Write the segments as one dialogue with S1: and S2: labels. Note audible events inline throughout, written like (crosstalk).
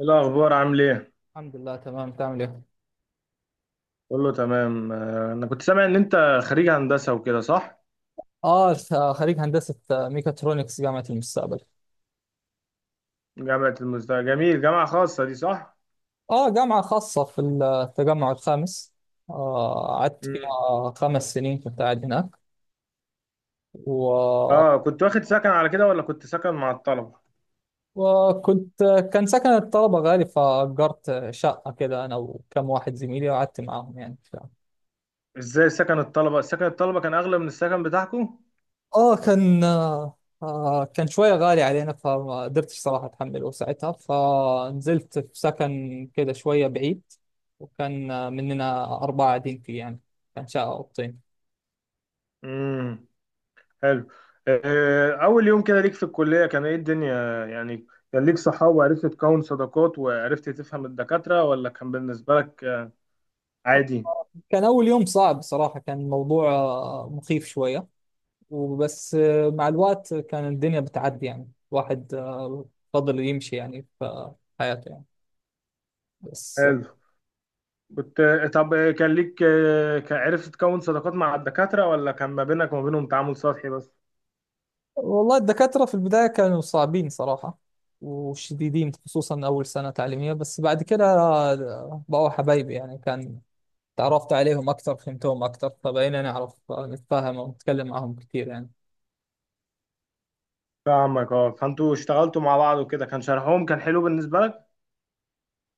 S1: إيه الأخبار؟ عامل إيه؟
S2: الحمد لله، تمام. تعمل ايه؟
S1: كله تمام. أنا كنت سامع إن أنت خريج هندسة وكده، صح؟
S2: اه خريج هندسة، ميكاترونكس جامعة المستقبل.
S1: جامعة المزدهر، جميل. جامعة خاصة دي، صح؟
S2: اه، جامعة خاصة في التجمع الخامس. قعدت
S1: مم.
S2: فيها 5 سنين، كنت قاعد هناك. و...
S1: آه، كنت واخد سكن على كده ولا كنت سكن مع الطلبة؟
S2: وكنت كان سكن الطلبة غالي، فأجرت شقة كده أنا وكم واحد زميلي وقعدت معاهم يعني.
S1: إزاي سكن الطلبة؟ سكن الطلبة كان أغلى من السكن بتاعكم؟
S2: اه كان. كان شوية غالي علينا فما قدرتش صراحة أتحمله ساعتها، فنزلت في سكن كده شوية بعيد، وكان مننا 4 قاعدين فيه يعني، كان شقة أوضتين.
S1: امم، حلو. أول يوم كده ليك في الكلية، كان إيه الدنيا يعني؟ كان ليك صحاب وعرفت تكون صداقات وعرفت تفهم الدكاترة، ولا كان بالنسبة لك عادي؟
S2: كان أول يوم صعب صراحة، كان الموضوع مخيف شوية. وبس مع الوقت كان الدنيا بتعدي، يعني الواحد فضل يمشي يعني في حياته يعني، بس.
S1: حلو. كنت، طب كان ليك، كان عرفت تكون صداقات مع الدكاترة ولا كان ما بينك وما بينهم تعامل سطحي بس؟
S2: والله الدكاترة في البداية كانوا صعبين صراحة وشديدين، خصوصا أول سنة تعليمية، بس بعد كده بقوا حبايبي يعني، كان تعرفت عليهم أكتر، فهمتهم أكتر، فبقينا نعرف نتفاهم ونتكلم معهم كتير يعني.
S1: فاهمك، اه. فانتوا اشتغلتوا مع بعض وكده، كان شرحهم كان حلو بالنسبة لك؟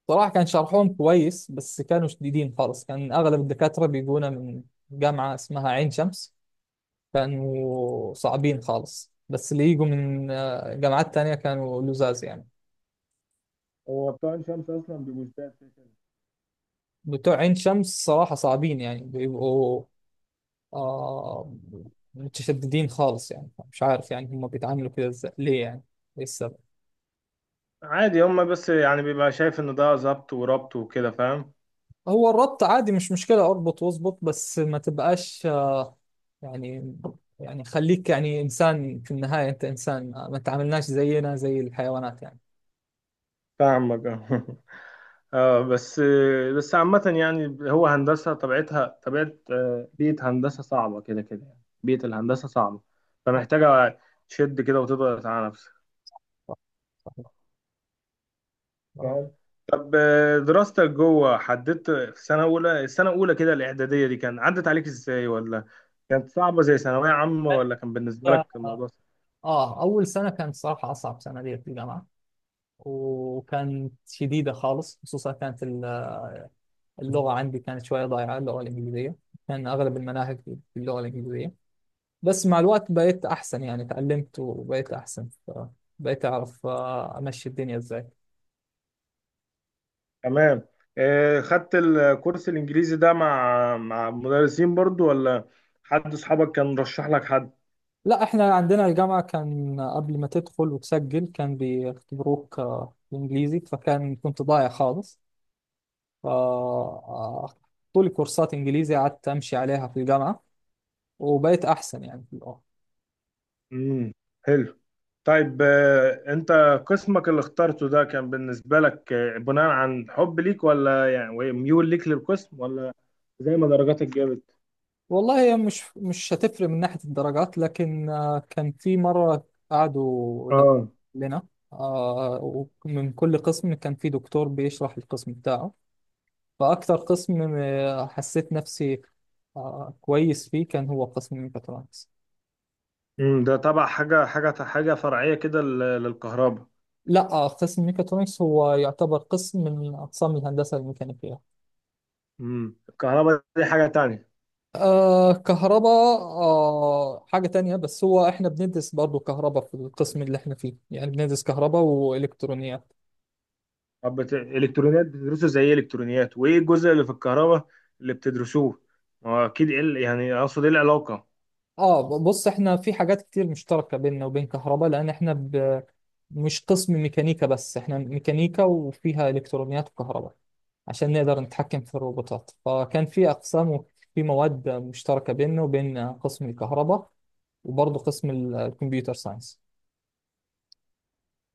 S2: صراحة كان شرحهم كويس، بس كانوا شديدين خالص، كان أغلب الدكاترة بيجونا من جامعة اسمها عين شمس، كانوا صعبين خالص، بس اللي يجوا من جامعات تانية كانوا لزاز يعني.
S1: هو بتوع عين شمس اصلا بيبقوا زيادة كده كده.
S2: بتوع عين شمس صراحة صعبين، يعني بيبقوا آه متشددين خالص، يعني مش عارف يعني هم بيتعاملوا كده ازاي، ليه يعني؟ ايه السبب؟
S1: عادي، هما بس يعني بيبقى شايف ان ده ظبط وربط وكده، فاهم.
S2: هو الربط عادي مش مشكلة، اربط واظبط، بس ما تبقاش يعني، يعني خليك يعني انسان، في النهاية انت انسان، ما تعاملناش زينا زي الحيوانات يعني.
S1: فاهمك، اه. (laughs) اه، بس، بس عامة يعني هو هندسة طبيعتها طبيعة بيئة هندسة صعبة كده كده، يعني بيئة الهندسة صعبة،
S2: آه
S1: فمحتاجة تشد كده وتضغط على نفسك،
S2: آه،
S1: فاهم. طب، دراستك جوه، حددت في سنة أولى، السنة الأولى كده الإعدادية دي، كان عدت عليك إزاي، ولا كانت صعبة زي ثانوية عامة، ولا كان بالنسبة لك
S2: آه.
S1: الموضوع سهل؟
S2: أول سنة كانت صراحة أصعب سنة لي في الجامعة، وكانت شديدة خالص، خصوصا كانت اللغة عندي كانت شوية ضايعة، اللغة الإنجليزية، كان أغلب المناهج باللغة الإنجليزية. بس مع الوقت بقيت أحسن، يعني تعلمت وبقيت أحسن، بقيت أعرف أمشي الدنيا إزاي.
S1: تمام. خدت الكورس الإنجليزي ده مع مدرسين برضو، ولا حد أصحابك كان رشح لك حد؟
S2: لا إحنا عندنا الجامعة كان قبل ما تدخل وتسجل كان بيختبروك إنجليزي، فكان كنت ضايع خالص. ف- آه، طول كورسات إنجليزي قعدت أمشي عليها في الجامعة وبقيت أحسن يعني في اللغة.
S1: امم، حلو. طيب، أنت قسمك اللي اخترته ده كان بالنسبة لك بناء عن حب ليك، ولا يعني ميول ليك للقسم، ولا زي ما درجاتك جابت؟
S2: والله هي مش هتفرق من ناحية الدرجات، لكن كان في مرة قعدوا
S1: اه.
S2: لنا آه، ومن كل قسم كان في دكتور بيشرح القسم بتاعه، فأكتر قسم حسيت نفسي كويس فيه كان هو قسم ميكاترونكس.
S1: امم، ده تبع حاجة فرعية كده لل- للكهرباء؟
S2: لا قسم ميكاترونكس هو يعتبر قسم من أقسام الهندسة الميكانيكية.
S1: امم، الكهرباء دي حاجة تانية.
S2: آه كهرباء، حاجة تانية، بس هو احنا بندرس برضو كهرباء في القسم اللي احنا فيه، يعني بندرس كهرباء وإلكترونيات.
S1: طب بت... الإلكترونيات بتدرسوا زي إيه؟ إلكترونيات وإيه الجزء اللي في الكهرباء اللي بتدرسوه؟ ما هو أكيد إيه ال-، يعني أقصد إيه العلاقة؟
S2: اه بص، احنا في حاجات كتير مشتركة بيننا وبين كهرباء، لان احنا مش قسم ميكانيكا بس، احنا ميكانيكا وفيها الكترونيات وكهرباء عشان نقدر نتحكم في الروبوتات، فكان في اقسام وفي مواد مشتركة بيننا وبين قسم الكهرباء، وبرضه قسم الكمبيوتر ساينس.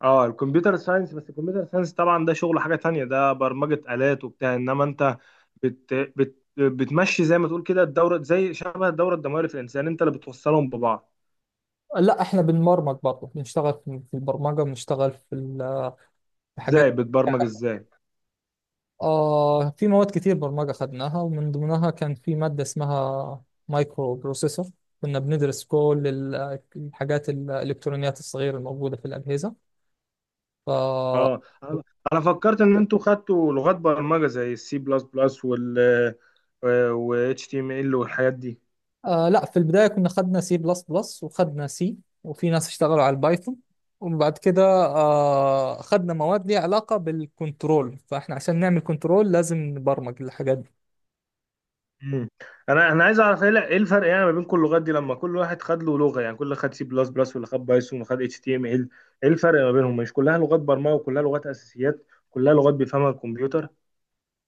S1: أه، الكمبيوتر ساينس. بس الكمبيوتر ساينس طبعا ده شغل حاجة تانية، ده برمجة آلات وبتاع. إنما أنت بت... بت... بتمشي زي ما تقول كده، الدورة زي شبه الدورة الدموية اللي في الإنسان، أنت اللي بتوصلهم ببعض.
S2: لا احنا بنبرمج برضه، بنشتغل في البرمجة، بنشتغل في
S1: إزاي
S2: حاجات.
S1: بتبرمج، إزاي؟
S2: في مواد كتير برمجة خدناها، ومن ضمنها كان في مادة اسمها مايكرو بروسيسور، كنا بندرس كل الحاجات الإلكترونيات الصغيرة الموجودة في الأجهزة. ف آه
S1: اه، أنا فكرت ان انتوا خدتوا لغات برمجه زي السي بلس بلس وال و اتش تي ام ال والحاجات دي.
S2: لا في البداية كنا خدنا سي بلس بلس وخدنا سي، وفي ناس اشتغلوا على البايثون، وبعد كده خدنا مواد ليها علاقة بالكنترول، فاحنا عشان نعمل كنترول لازم نبرمج الحاجات.
S1: مم. انا عايز اعرف إيه الفرق يعني ما بين كل اللغات دي، لما كل واحد خد له لغه، يعني كل خد سي بلس بلس، واللي خد بايثون، وخد اتش تي ام ال، ايه الفرق ما بينهم؟ مش كلها لغات برمجه، وكلها لغات اساسيات، كلها لغات بيفهمها الكمبيوتر.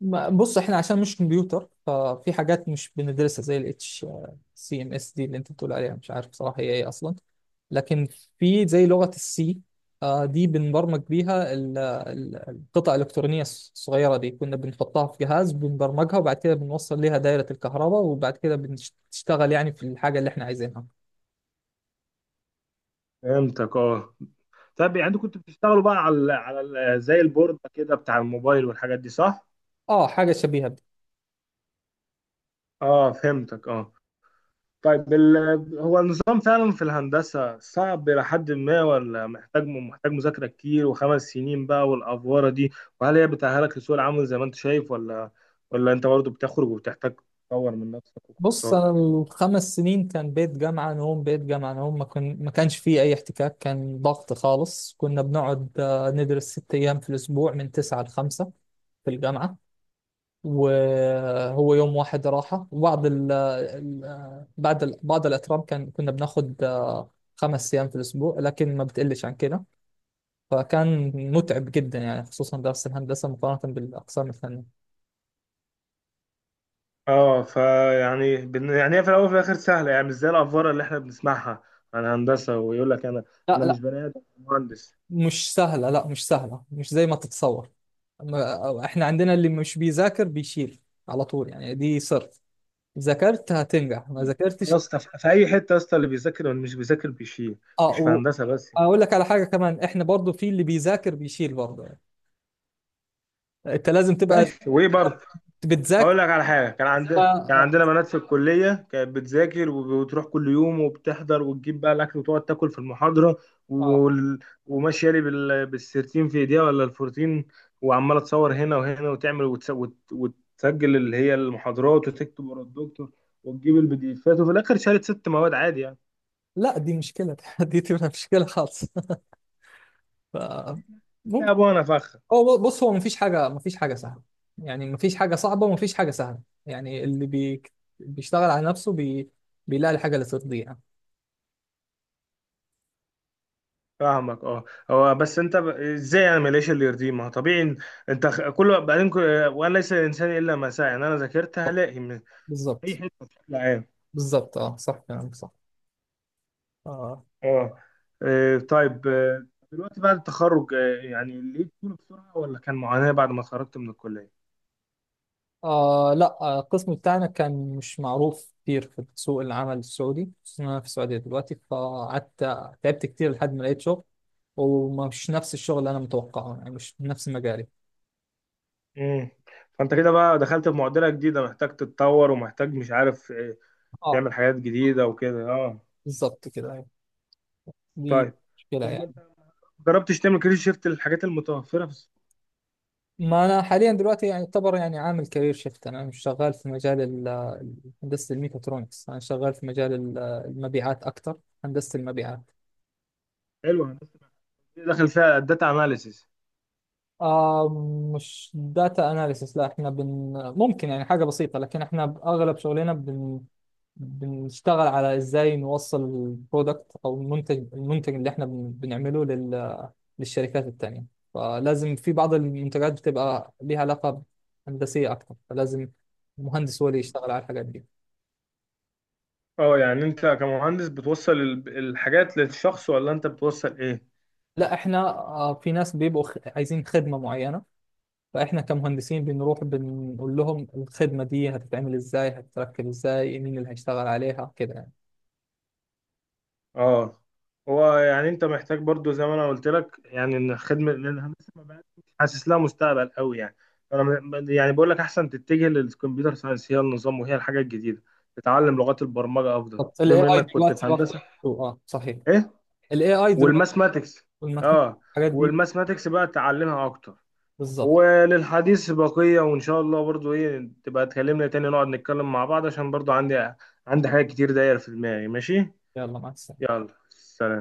S2: بص، احنا عشان مش كمبيوتر، ففي حاجات مش بندرسها زي ال اتش سي ام اس دي اللي انت بتقول عليها، مش عارف بصراحة هي ايه اصلا. لكن في زي لغة السي دي بنبرمج بيها القطع الإلكترونية الصغيرة دي، كنا بنحطها في جهاز، بنبرمجها، وبعد كده بنوصل ليها دايرة الكهرباء، وبعد كده بتشتغل يعني في الحاجة اللي احنا عايزينها.
S1: فهمتك، اه. طب يعني انتوا كنتوا بتشتغلوا بقى على زي البورد كده بتاع الموبايل والحاجات دي، صح؟
S2: اه حاجة شبيهة.
S1: اه، فهمتك، اه. طيب ال- هو النظام فعلا في الهندسة صعب إلى حد ما، ولا محتاج مذاكرة كتير، وخمس سنين بقى والأفوارة دي، وهل هي بتأهلك لسوق العمل زي ما أنت شايف، ولا، ولا أنت برضه بتخرج وبتحتاج تطور من نفسك
S2: بص
S1: وكورسات
S2: انا،
S1: والحاجات دي؟
S2: الـ 5 سنين كان بيت جامعه نوم، بيت جامعه نوم، ما كانش فيه اي احتكاك، كان ضغط خالص، كنا بنقعد ندرس 6 ايام في الاسبوع من 9 لـ 5 في الجامعه، وهو يوم واحد راحه، وبعض بعد بعض الاترام كان كنا بناخد 5 ايام في الاسبوع، لكن ما بتقلش عن كده، فكان متعب جدا يعني، خصوصا درس الهندسه مقارنه بالاقسام الثانيه.
S1: اه، فيعني بن-، يعني هي في الأول وفي الآخر سهلة، يعني مش زي الأفوارة اللي إحنا بنسمعها عن هندسة، ويقول لك أنا،
S2: لا
S1: أنا مش
S2: لا،
S1: بني آدم، أنا مهندس.
S2: مش سهلة، لا مش سهلة، مش زي ما تتصور. احنا عندنا اللي مش بيذاكر بيشيل على طول، يعني دي سر. ذاكرت هتنجح، ما ذاكرتش.
S1: يا اسطى، في أي حتة يا اسطى، اللي بيذاكر واللي مش بيذاكر بيشيل، مش في
S2: اه،
S1: هندسة بس يعني.
S2: واقول لك على حاجة كمان، احنا برضو في اللي بيذاكر بيشيل برضو يعني. انت لازم تبقى
S1: ماشي، وإيه برضه؟
S2: بتذاكر.
S1: اقول لك على حاجه، كان
S2: آه.
S1: عندنا، كان
S2: آه.
S1: عندنا بنات في الكليه كانت بتذاكر وبتروح كل يوم وبتحضر، وتجيب بقى الاكل وتقعد تاكل في المحاضره،
S2: آه.
S1: وال...، وماشيه لي بال... بالسيرتين في ايديها ولا الفورتين، وعماله تصور هنا وهنا، وتعمل وتس... وت... وتسجل اللي هي المحاضرات، وتكتب ورا الدكتور، وتجيب البي دي افات، وفي الاخر شالت 6 مواد عادي يعني.
S2: لا دي مشكلة (laughs) دي تبقى مشكلة خالص (laughs) ف...
S1: لا
S2: ممكن.
S1: ابو انا فخ.
S2: هو بص، هو مفيش حاجة سهلة، يعني مفيش حاجة صعبة ومفيش حاجة سهلة، يعني بيشتغل على نفسه، بيلاقي الحاجة اللي ترضيه.
S1: فاهمك، اه. هو بس انت ب...، ازاي انا ماليش اللي يرضيه؟ ما هو طبيعي إن-، انت خ- كل بعدين كل...، وانا ليس الانسان الا ما سعى، ان انا ذاكرت هلاقي اي
S2: بالظبط،
S1: حته بشكل عام.
S2: بالظبط، اه صح، كلامك صح. اه.
S1: اه. طيب، دلوقتي بعد التخرج، يعني لقيت شغل بسرعه، ولا كان معاناه بعد ما اتخرجت من الكليه؟
S2: لا القسم بتاعنا كان مش معروف كتير في سوق العمل السعودي، خصوصاً أنا في السعودية دلوقتي، فقعدت تعبت كتير لحد ما لقيت شغل، ومش نفس الشغل اللي أنا متوقعه يعني، مش نفس مجالي.
S1: امم. فانت كده بقى دخلت في معضله جديده، محتاج تتطور، ومحتاج، مش عارف،
S2: اه،
S1: تعمل حاجات جديده وكده، اه.
S2: بالظبط كده، أيوة. دي
S1: طيب،
S2: مشكلة
S1: طب ما
S2: يعني.
S1: انت جربتش تعمل كارير شيفت للحاجات المتوفره في السوق؟
S2: ما أنا حاليا دلوقتي يعني يعتبر يعني عامل كارير شيفت، أنا مش شغال في مجال ال- هندسة الميكاترونكس، أنا شغال في مجال المبيعات أكتر، هندسة المبيعات.
S1: حلوه. الناس دي داخل فيها الداتا اناليسيس؟
S2: آه مش داتا اناليسيس، لا احنا ممكن يعني حاجة بسيطة، لكن احنا اغلب شغلنا بنشتغل على ازاي نوصل البرودكت او المنتج اللي احنا بنعمله للشركات التانية، فلازم في بعض المنتجات بتبقى ليها علاقة هندسية اكتر، فلازم المهندس هو اللي يشتغل على الحاجات دي.
S1: اه، يعني انت كمهندس بتوصل ال- الحاجات للشخص، ولا انت بتوصل ايه؟
S2: لا احنا في ناس بيبقوا عايزين خدمة معينة، فاحنا كمهندسين بنروح بنقول لهم الخدمه دي هتتعمل ازاي، هتتركب ازاي، مين اللي هيشتغل عليها، كده يعني.
S1: اه. هو يعني انت محتاج برضو زي ما انا قلت لك، يعني ان خدمه، لان انا لسه ما بقاش حاسس لها مستقبل قوي يعني. فانا م-، يعني بقول لك احسن تتجه للكمبيوتر ساينس، هي النظام وهي الحاجه الجديده، تتعلم لغات البرمجه افضل
S2: طب الاي
S1: بما
S2: اي
S1: انك كنت في
S2: دلوقتي بقى.
S1: هندسه.
S2: اه صحيح،
S1: ايه؟
S2: الـ AI دلوقتي،
S1: والماثماتكس،
S2: والمخ-
S1: اه،
S2: الحاجات دي.
S1: والماثماتكس بقى تعلمها اكتر.
S2: بالظبط.
S1: وللحديث بقيه، وان شاء الله برضو ايه تبقى تكلمنا تاني، نقعد نتكلم مع بعض، عشان برضو عندي، عندي حاجات كتير داير في دماغي. ماشي،
S2: يلا، مع السلامه.
S1: يلا سلام.